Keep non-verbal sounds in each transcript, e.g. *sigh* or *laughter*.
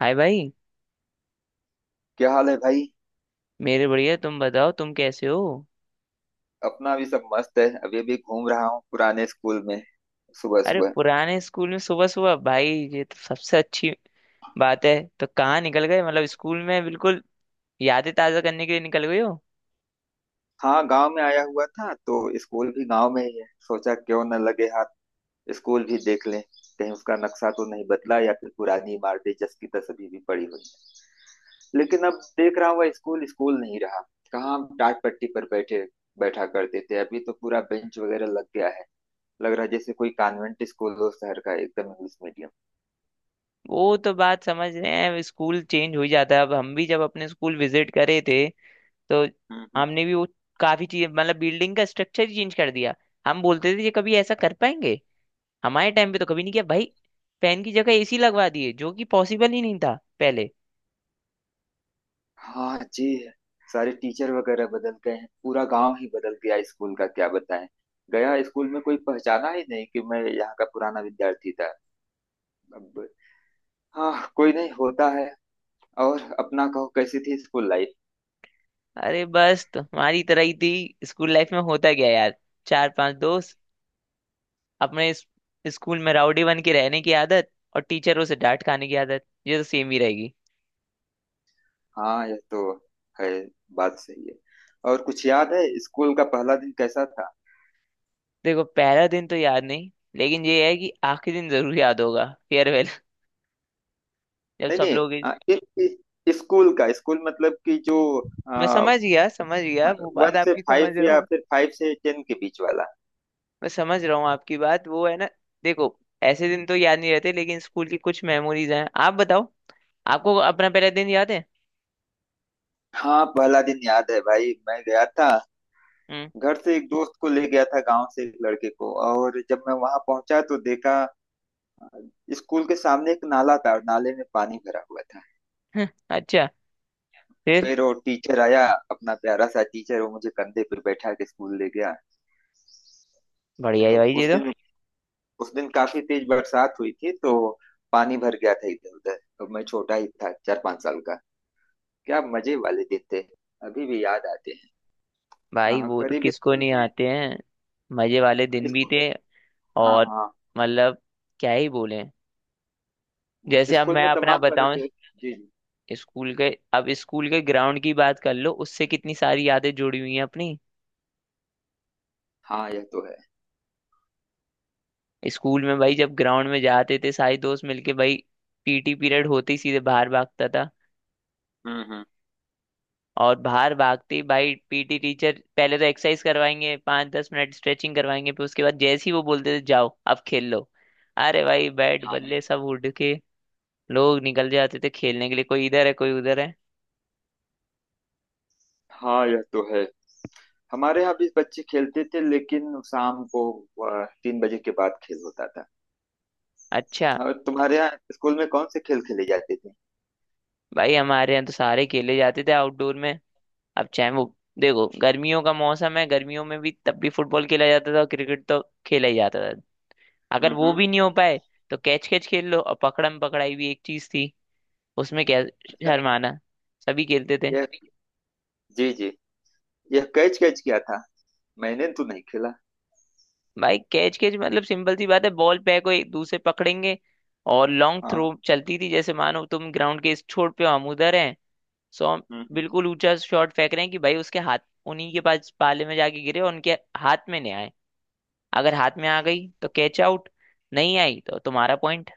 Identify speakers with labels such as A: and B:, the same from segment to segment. A: हाय भाई।
B: क्या हाल है भाई।
A: मेरे बढ़िया। तुम बताओ, तुम कैसे हो?
B: अपना भी सब मस्त है, अभी भी घूम रहा हूँ पुराने स्कूल में, सुबह
A: अरे
B: सुबह।
A: पुराने स्कूल में सुबह सुबह भाई! ये तो सबसे अच्छी बात है। तो कहाँ निकल गए? मतलब स्कूल में बिल्कुल यादें ताज़ा करने के लिए निकल गए हो?
B: हाँ, गांव में आया हुआ था तो स्कूल भी गांव में ही है, सोचा क्यों न लगे हाथ स्कूल भी देख लें। कहीं उसका नक्शा तो नहीं बदला या फिर पुरानी इमारतें जस की तस अभी भी पड़ी हुई है, लेकिन अब देख रहा हुआ स्कूल स्कूल नहीं रहा। कहाँ हम टाट पट्टी पर बैठे बैठा करते थे, अभी तो पूरा बेंच वगैरह लग गया है। लग रहा है जैसे कोई कॉन्वेंट स्कूल हो शहर का, एकदम इंग्लिश मीडियम।
A: वो तो बात समझ रहे हैं, स्कूल चेंज हो ही जाता है। अब हम भी जब अपने स्कूल विजिट करे थे तो
B: हम्म, हम्म।
A: हमने भी वो काफ़ी चीज़, मतलब बिल्डिंग का स्ट्रक्चर ही चेंज कर दिया। हम बोलते थे ये कभी ऐसा कर पाएंगे? हमारे टाइम पे तो कभी नहीं किया भाई। फैन की जगह एसी लगवा दिए, जो कि पॉसिबल ही नहीं था पहले।
B: हाँ जी। सारे टीचर वगैरह बदल गए हैं, पूरा गांव ही बदल गया, स्कूल का क्या बताएं, गया स्कूल में कोई पहचाना ही नहीं कि मैं यहाँ का पुराना विद्यार्थी था। अब हाँ, कोई नहीं होता है। और अपना कहो, कैसी थी स्कूल लाइफ?
A: अरे बस तुम्हारी तरह ही थी। स्कूल लाइफ में होता क्या यार, चार पांच दोस्त, अपने स्कूल में राउडी बन के रहने की आदत और टीचरों से डांट खाने की आदत, ये तो सेम ही रहेगी।
B: हाँ यह तो है, बात सही है। और कुछ याद है, स्कूल का पहला दिन कैसा था?
A: देखो, पहला दिन तो याद नहीं, लेकिन ये है कि आखिरी दिन जरूर याद होगा। फेयरवेल *laughs* जब
B: नहीं
A: सब
B: नहीं
A: लोग।
B: स्कूल का, स्कूल मतलब कि जो
A: मैं
B: आ,
A: समझ गया, समझ गया, वो
B: वन
A: बात
B: से
A: आपकी समझ
B: फाइव
A: रहा
B: या
A: हूँ।
B: फिर 5 से 10 के बीच वाला।
A: मैं समझ रहा हूँ आपकी बात, वो है ना। देखो, ऐसे दिन तो याद नहीं रहते, लेकिन स्कूल की कुछ मेमोरीज हैं। आप बताओ, आपको अपना पहला दिन याद है?
B: हाँ पहला दिन याद है भाई, मैं गया था
A: हम्म।
B: घर से, एक दोस्त को ले गया था गांव से, एक लड़के को, और जब मैं वहां पहुंचा तो देखा अ, स्कूल के सामने एक नाला था और नाले में पानी भरा हुआ था।
A: *laughs* अच्छा। फिर?
B: फिर वो टीचर आया, अपना प्यारा सा टीचर, वो मुझे कंधे पे बैठा के स्कूल ले गया।
A: बढ़िया है
B: अब
A: भाई जी।
B: उस दिन, उस दिन काफी तेज बरसात हुई थी तो पानी भर गया था इधर उधर, तो मैं छोटा ही था, 4-5 साल का। क्या मजे वाले दिन थे, अभी भी याद आते हैं।
A: भाई
B: हाँ
A: वो तो
B: करीब
A: किसको
B: स्कूल
A: नहीं
B: में
A: आते हैं। मजे वाले दिन भी
B: स्कूल,
A: थे।
B: हाँ
A: और
B: हाँ।
A: मतलब क्या ही बोले। जैसे अब
B: स्कूल
A: मैं
B: में
A: अपना
B: तमाम तरह
A: बताऊं,
B: के जी जी।
A: स्कूल के, अब स्कूल के ग्राउंड की बात कर लो, उससे कितनी सारी यादें जुड़ी हुई हैं अपनी।
B: हाँ यह तो है।
A: स्कूल में भाई, जब ग्राउंड में जाते थे सारे दोस्त मिलके भाई, पीटी पीरियड होते ही सीधे बाहर भागता था।
B: हम्म, हम्म।
A: और बाहर भागते ही भाई पीटी टीचर पहले तो एक्सरसाइज करवाएंगे, 5-10 मिनट स्ट्रेचिंग करवाएंगे, फिर उसके बाद जैसे ही वो बोलते थे जाओ अब खेल लो। अरे भाई बैट
B: हम।
A: बल्ले सब उड़ के लोग निकल जाते थे खेलने के लिए, कोई इधर है कोई उधर है।
B: हाँ यह तो है। हमारे यहाँ भी बच्चे खेलते थे लेकिन शाम को 3 बजे के बाद खेल होता था।
A: अच्छा।
B: और तुम्हारे यहाँ स्कूल में कौन से खेल खेले जाते थे?
A: भाई हमारे यहाँ तो सारे खेले जाते थे आउटडोर में। अब चाहे वो, देखो गर्मियों का मौसम है, गर्मियों में भी तब भी फुटबॉल खेला जाता था, क्रिकेट तो खेला ही जाता था। अगर
B: हम्म,
A: वो भी नहीं हो पाए तो कैच कैच खेल लो। और पकड़म पकड़ाई भी एक चीज थी। उसमें क्या
B: अच्छा,
A: शर्माना, सभी खेलते थे।
B: यह जी जी, यह कैच कैच किया था मैंने तो नहीं खेला।
A: भाई कैच कैच मतलब सिंपल सी बात है, बॉल पे को एक दूसरे पकड़ेंगे। और लॉन्ग
B: हाँ।
A: थ्रो चलती थी। जैसे मानो तुम ग्राउंड के इस छोर पे हो, हम उधर हैं। सो हम
B: हम्म, हम्म।
A: बिल्कुल ऊंचा शॉट फेंक रहे हैं कि भाई उसके हाथ, उन्हीं के पास पाले में जाके गिरे और उनके हाथ में नहीं आए। अगर हाथ में आ गई तो कैच आउट, नहीं आई तो तुम्हारा पॉइंट।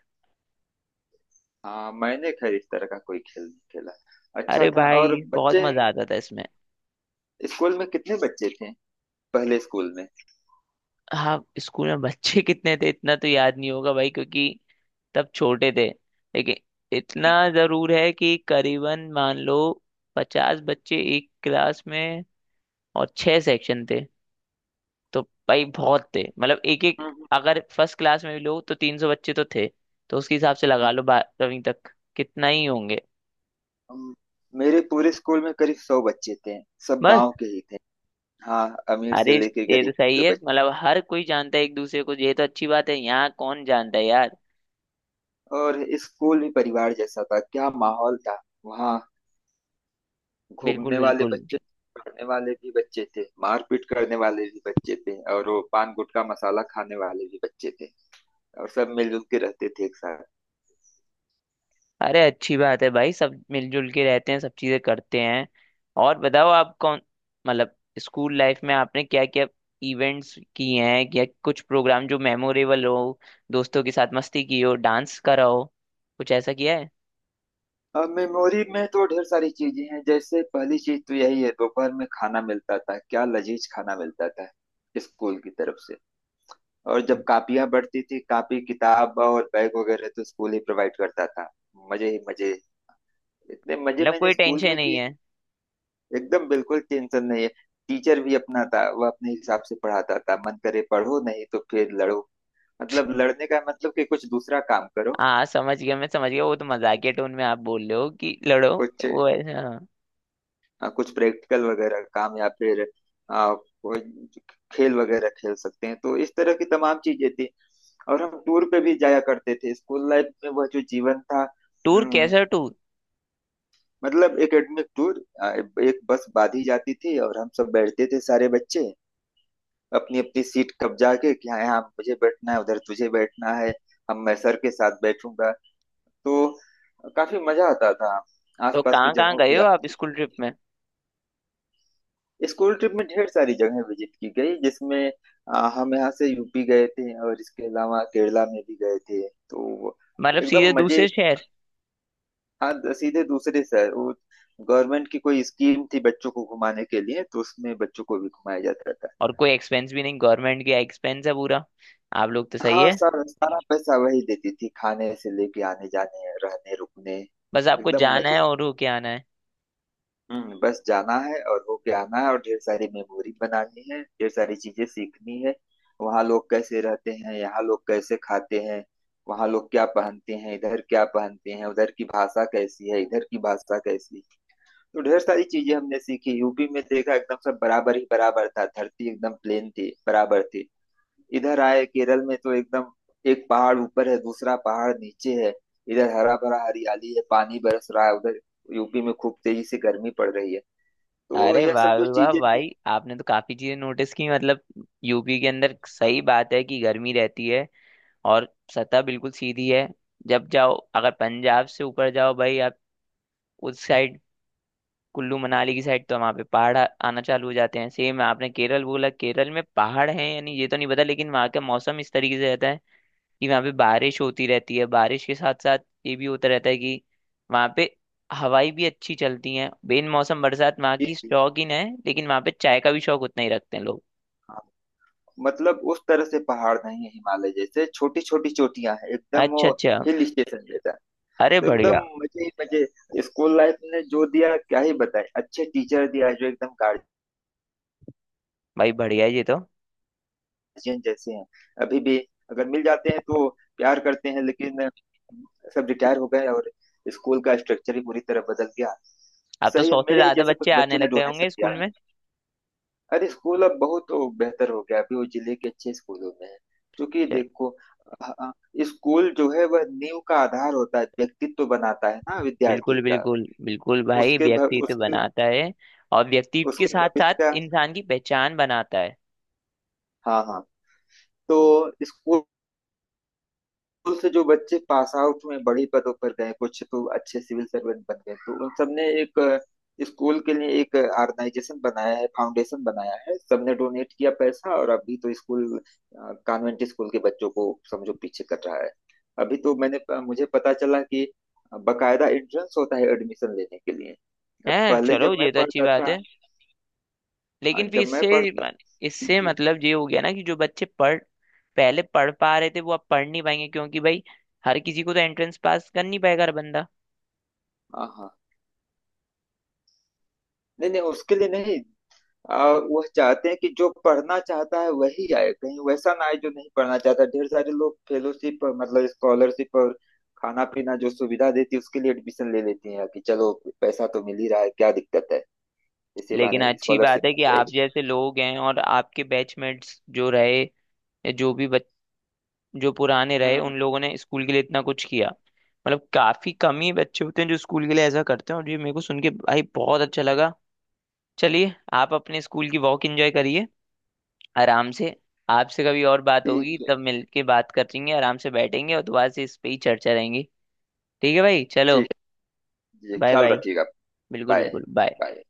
B: हाँ मैंने खैर इस तरह का कोई खेल नहीं खेला, अच्छा
A: अरे
B: था। और
A: भाई बहुत
B: बच्चे
A: मजा आता था इसमें।
B: स्कूल में कितने बच्चे थे, पहले स्कूल में?
A: हाँ, स्कूल में बच्चे कितने थे इतना तो याद नहीं होगा भाई, क्योंकि तब छोटे थे। लेकिन इतना जरूर है कि करीबन मान लो 50 बच्चे एक क्लास में और छह सेक्शन थे। तो भाई बहुत थे, मतलब एक
B: हम्म,
A: एक।
B: हम्म।
A: अगर फर्स्ट क्लास में भी लो तो 300 बच्चे तो थे। तो उसके हिसाब से लगा लो 12वीं तक कितना ही होंगे।
B: हम- मेरे पूरे स्कूल में करीब 100 बच्चे थे, सब
A: बस।
B: गांव के ही थे। हाँ अमीर
A: अरे
B: से लेके
A: ये
B: गरीब
A: तो सही
B: के
A: है,
B: बच्चे।
A: मतलब हर कोई जानता है एक दूसरे को, ये तो अच्छी बात है। यहाँ कौन जानता है यार।
B: और स्कूल भी परिवार जैसा था, क्या माहौल था वहाँ।
A: बिल्कुल,
B: घूमने वाले
A: बिल्कुल।
B: बच्चे, पढ़ने वाले भी बच्चे थे, मारपीट करने वाले भी बच्चे थे, और वो पान गुटखा मसाला खाने वाले भी बच्चे थे, और सब मिलजुल के रहते थे एक साथ।
A: अरे अच्छी बात है भाई, सब मिलजुल के रहते हैं, सब चीजें करते हैं। और बताओ, आप कौन, मतलब स्कूल लाइफ में आपने क्या क्या इवेंट्स किए हैं? या कुछ प्रोग्राम जो मेमोरेबल हो, दोस्तों के साथ मस्ती की हो, डांस करा हो, कुछ ऐसा किया है?
B: अब मेमोरी में तो ढेर सारी चीजें हैं, जैसे पहली चीज तो यही है, दोपहर में खाना मिलता था, क्या लजीज खाना मिलता था स्कूल की तरफ से। और जब कापियां बढ़ती थी, कापी किताब और बैग वगैरह तो स्कूल ही प्रोवाइड करता था, मजे ही मजे, इतने मजे
A: मतलब
B: मैंने
A: कोई
B: स्कूल
A: टेंशन
B: में
A: नहीं
B: किए।
A: है।
B: एकदम बिल्कुल टेंशन नहीं है। टीचर भी अपना था, वह अपने हिसाब से पढ़ाता था, मन करे पढ़ो नहीं तो फिर लड़ो। मतलब लड़ने का मतलब कि कुछ दूसरा काम करो,
A: हाँ, समझ गया, मैं समझ गया। वो तो मजाकिया टोन में आप बोल रहे हो कि लड़ो।
B: कुछ
A: वो ऐसा, हाँ।
B: कुछ प्रैक्टिकल वगैरह काम या फिर कोई खेल वगैरह खेल सकते हैं, तो इस तरह की तमाम चीजें थी। और हम टूर पे भी जाया करते थे स्कूल लाइफ में, वह जो जीवन था।
A: टूर? कैसा टूर?
B: मतलब एकेडमिक टूर, एक बस बांधी जाती थी और हम सब बैठते थे सारे बच्चे, अपनी अपनी सीट कब्जा के कि हाँ यहाँ मुझे बैठना है, उधर तुझे बैठना है, हम मैं सर के साथ बैठूंगा, तो काफी मजा आता था,
A: तो
B: आसपास की
A: कहाँ कहाँ
B: जगहों पे
A: गए हो आप
B: जाते
A: स्कूल ट्रिप
B: थे।
A: में?
B: स्कूल ट्रिप में ढेर सारी जगहें विजिट की गई, जिसमें हम यहाँ से यूपी गए थे और इसके अलावा केरला में भी गए थे, तो
A: मतलब सीधे
B: एकदम मजे।
A: दूसरे शहर।
B: हाँ सीधे दूसरे शहर, वो गवर्नमेंट की कोई स्कीम थी बच्चों को घुमाने के लिए तो उसमें बच्चों को भी घुमाया जाता था।
A: और कोई एक्सपेंस भी नहीं, गवर्नमेंट का एक्सपेंस है पूरा। आप लोग तो सही
B: हाँ
A: है।
B: सारा सारा पैसा वही देती थी, खाने से लेके आने जाने रहने रुकने
A: बस आपको
B: एकदम
A: जाना
B: मजे।
A: है और होके आना है।
B: हम्म, बस जाना है और होके आना है, और ढेर सारी मेमोरी बनानी है, ढेर सारी चीजें सीखनी है। वहाँ लोग कैसे रहते हैं, यहाँ लोग कैसे खाते हैं, वहाँ लोग क्या पहनते हैं, इधर क्या पहनते हैं, उधर की भाषा कैसी है, इधर की भाषा कैसी है। तो ढेर सारी चीजें हमने सीखी, यूपी में देखा एकदम सब बराबर ही बराबर था, धरती एकदम प्लेन थी, बराबर थी। इधर आए केरल में तो एकदम एक पहाड़ ऊपर है, दूसरा पहाड़ नीचे है, इधर हरा भरा हरियाली है, पानी बरस रहा है, उधर यूपी में खूब तेजी से गर्मी पड़ रही है, तो
A: अरे
B: यह
A: वाह
B: सब
A: वाह
B: जो
A: वाह
B: चीजें थी।
A: भाई, आपने तो काफी चीजें नोटिस की। मतलब यूपी के अंदर सही बात है कि गर्मी रहती है। और सतह बिल्कुल सीधी है। जब जाओ, अगर पंजाब से ऊपर जाओ भाई आप, उस साइड, कुल्लू मनाली की साइड, तो वहाँ पे पहाड़ आना चालू हो जाते हैं। सेम आपने केरल बोला, केरल में पहाड़ हैं यानी ये तो नहीं पता, लेकिन वहाँ का मौसम इस तरीके से रहता है कि वहाँ पे बारिश होती रहती है। बारिश के साथ साथ ये भी होता रहता है कि वहाँ पे हवाई भी अच्छी चलती हैं। बेन मौसम बरसात वहाँ
B: जी
A: की
B: जी
A: शौकीन है, लेकिन वहाँ पे चाय का भी शौक उतना ही रखते हैं लोग।
B: हाँ। मतलब उस तरह से पहाड़ नहीं है हिमालय जैसे, छोटी छोटी चोटियां हैं एकदम,
A: अच्छा,
B: वो
A: अच्छा।
B: हिल स्टेशन जैसा।
A: अरे
B: तो एकदम
A: बढ़िया।
B: मजे ही मजे, स्कूल लाइफ ने जो दिया क्या ही बताए, अच्छे टीचर दिया जो एकदम
A: भाई बढ़िया है ये तो।
B: जिन जैसे हैं, अभी भी अगर मिल जाते हैं तो प्यार करते हैं, लेकिन सब रिटायर हो गए और स्कूल का स्ट्रक्चर ही पूरी तरह बदल गया।
A: अब तो
B: सही है,
A: 100 से
B: मेरे ही
A: ज्यादा
B: जैसे कुछ
A: बच्चे आने
B: बच्चों ने
A: लग गए
B: डोनेशन
A: होंगे
B: किया।
A: स्कूल में।
B: अरे स्कूल अब बहुत तो बेहतर हो गया, अभी वो जिले के अच्छे स्कूलों में है, क्योंकि
A: चल।
B: देखो अ- अ, स्कूल जो है वह नींव का आधार होता है, व्यक्तित्व बनाता है ना विद्यार्थी
A: बिल्कुल,
B: का,
A: बिल्कुल, बिल्कुल भाई, व्यक्तित्व
B: उसके,
A: बनाता है। और व्यक्तित्व के
B: उसके
A: साथ साथ
B: भविष्य का।
A: इंसान की पहचान बनाता है।
B: हाँ हाँ। तो स्कूल स्कूल से जो बच्चे पास आउट में बड़ी पदों पर गए, कुछ तो अच्छे सिविल सर्वेंट बन गए, तो उन सबने एक, स्कूल के लिए एक ऑर्गेनाइजेशन बनाया है, फाउंडेशन बनाया है, सबने डोनेट किया पैसा, और अभी तो स्कूल कॉन्वेंट स्कूल के बच्चों को समझो पीछे कर रहा है। अभी तो मैंने मुझे पता चला कि बकायदा एंट्रेंस होता है एडमिशन लेने के लिए। अब
A: हैं,
B: पहले जब
A: चलो
B: मैं
A: ये तो अच्छी
B: पढ़ता
A: बात
B: था
A: है। लेकिन फिर
B: जब मैं पढ़ता जी
A: इससे
B: जी।
A: मतलब ये हो गया ना कि जो बच्चे पढ़ पहले पढ़ पा रहे थे वो अब पढ़ नहीं पाएंगे, क्योंकि भाई हर किसी को तो एंट्रेंस पास कर नहीं पाएगा हर बंदा।
B: हाँ हाँ। नहीं नहीं उसके लिए नहीं, वह चाहते हैं कि जो पढ़ना चाहता है वही आए, कहीं वैसा ना आए जो नहीं पढ़ना चाहता, ढेर सारे लोग फेलोशिप और मतलब स्कॉलरशिप और खाना पीना जो सुविधा देती है उसके लिए एडमिशन ले लेती हैं, कि चलो पैसा तो मिल ही रहा है, क्या दिक्कत है, इसी
A: लेकिन
B: बहाने
A: अच्छी
B: स्कॉलरशिप
A: बात है कि
B: मिल
A: आप
B: जाएगी।
A: जैसे लोग हैं और आपके बैचमेट्स जो रहे, या जो पुराने
B: हम्म,
A: रहे, उन लोगों ने स्कूल के लिए इतना कुछ किया। मतलब काफी कम ही बच्चे होते हैं जो स्कूल के लिए ऐसा करते हैं, और ये मेरे को सुन के भाई बहुत अच्छा लगा। चलिए आप अपने स्कूल की वॉक एंजॉय करिए आराम से। आपसे कभी और बात होगी,
B: ठीक है।
A: तब मिलके बात करेंगे, आराम से बैठेंगे और दोबारा से इस पे ही चर्चा रहेंगी। ठीक है भाई, चलो।
B: ठीक है जी,
A: बाय
B: ख्याल
A: बाय।
B: रखिएगा।
A: बिल्कुल,
B: बाय
A: बिल्कुल, बाय।
B: बाय।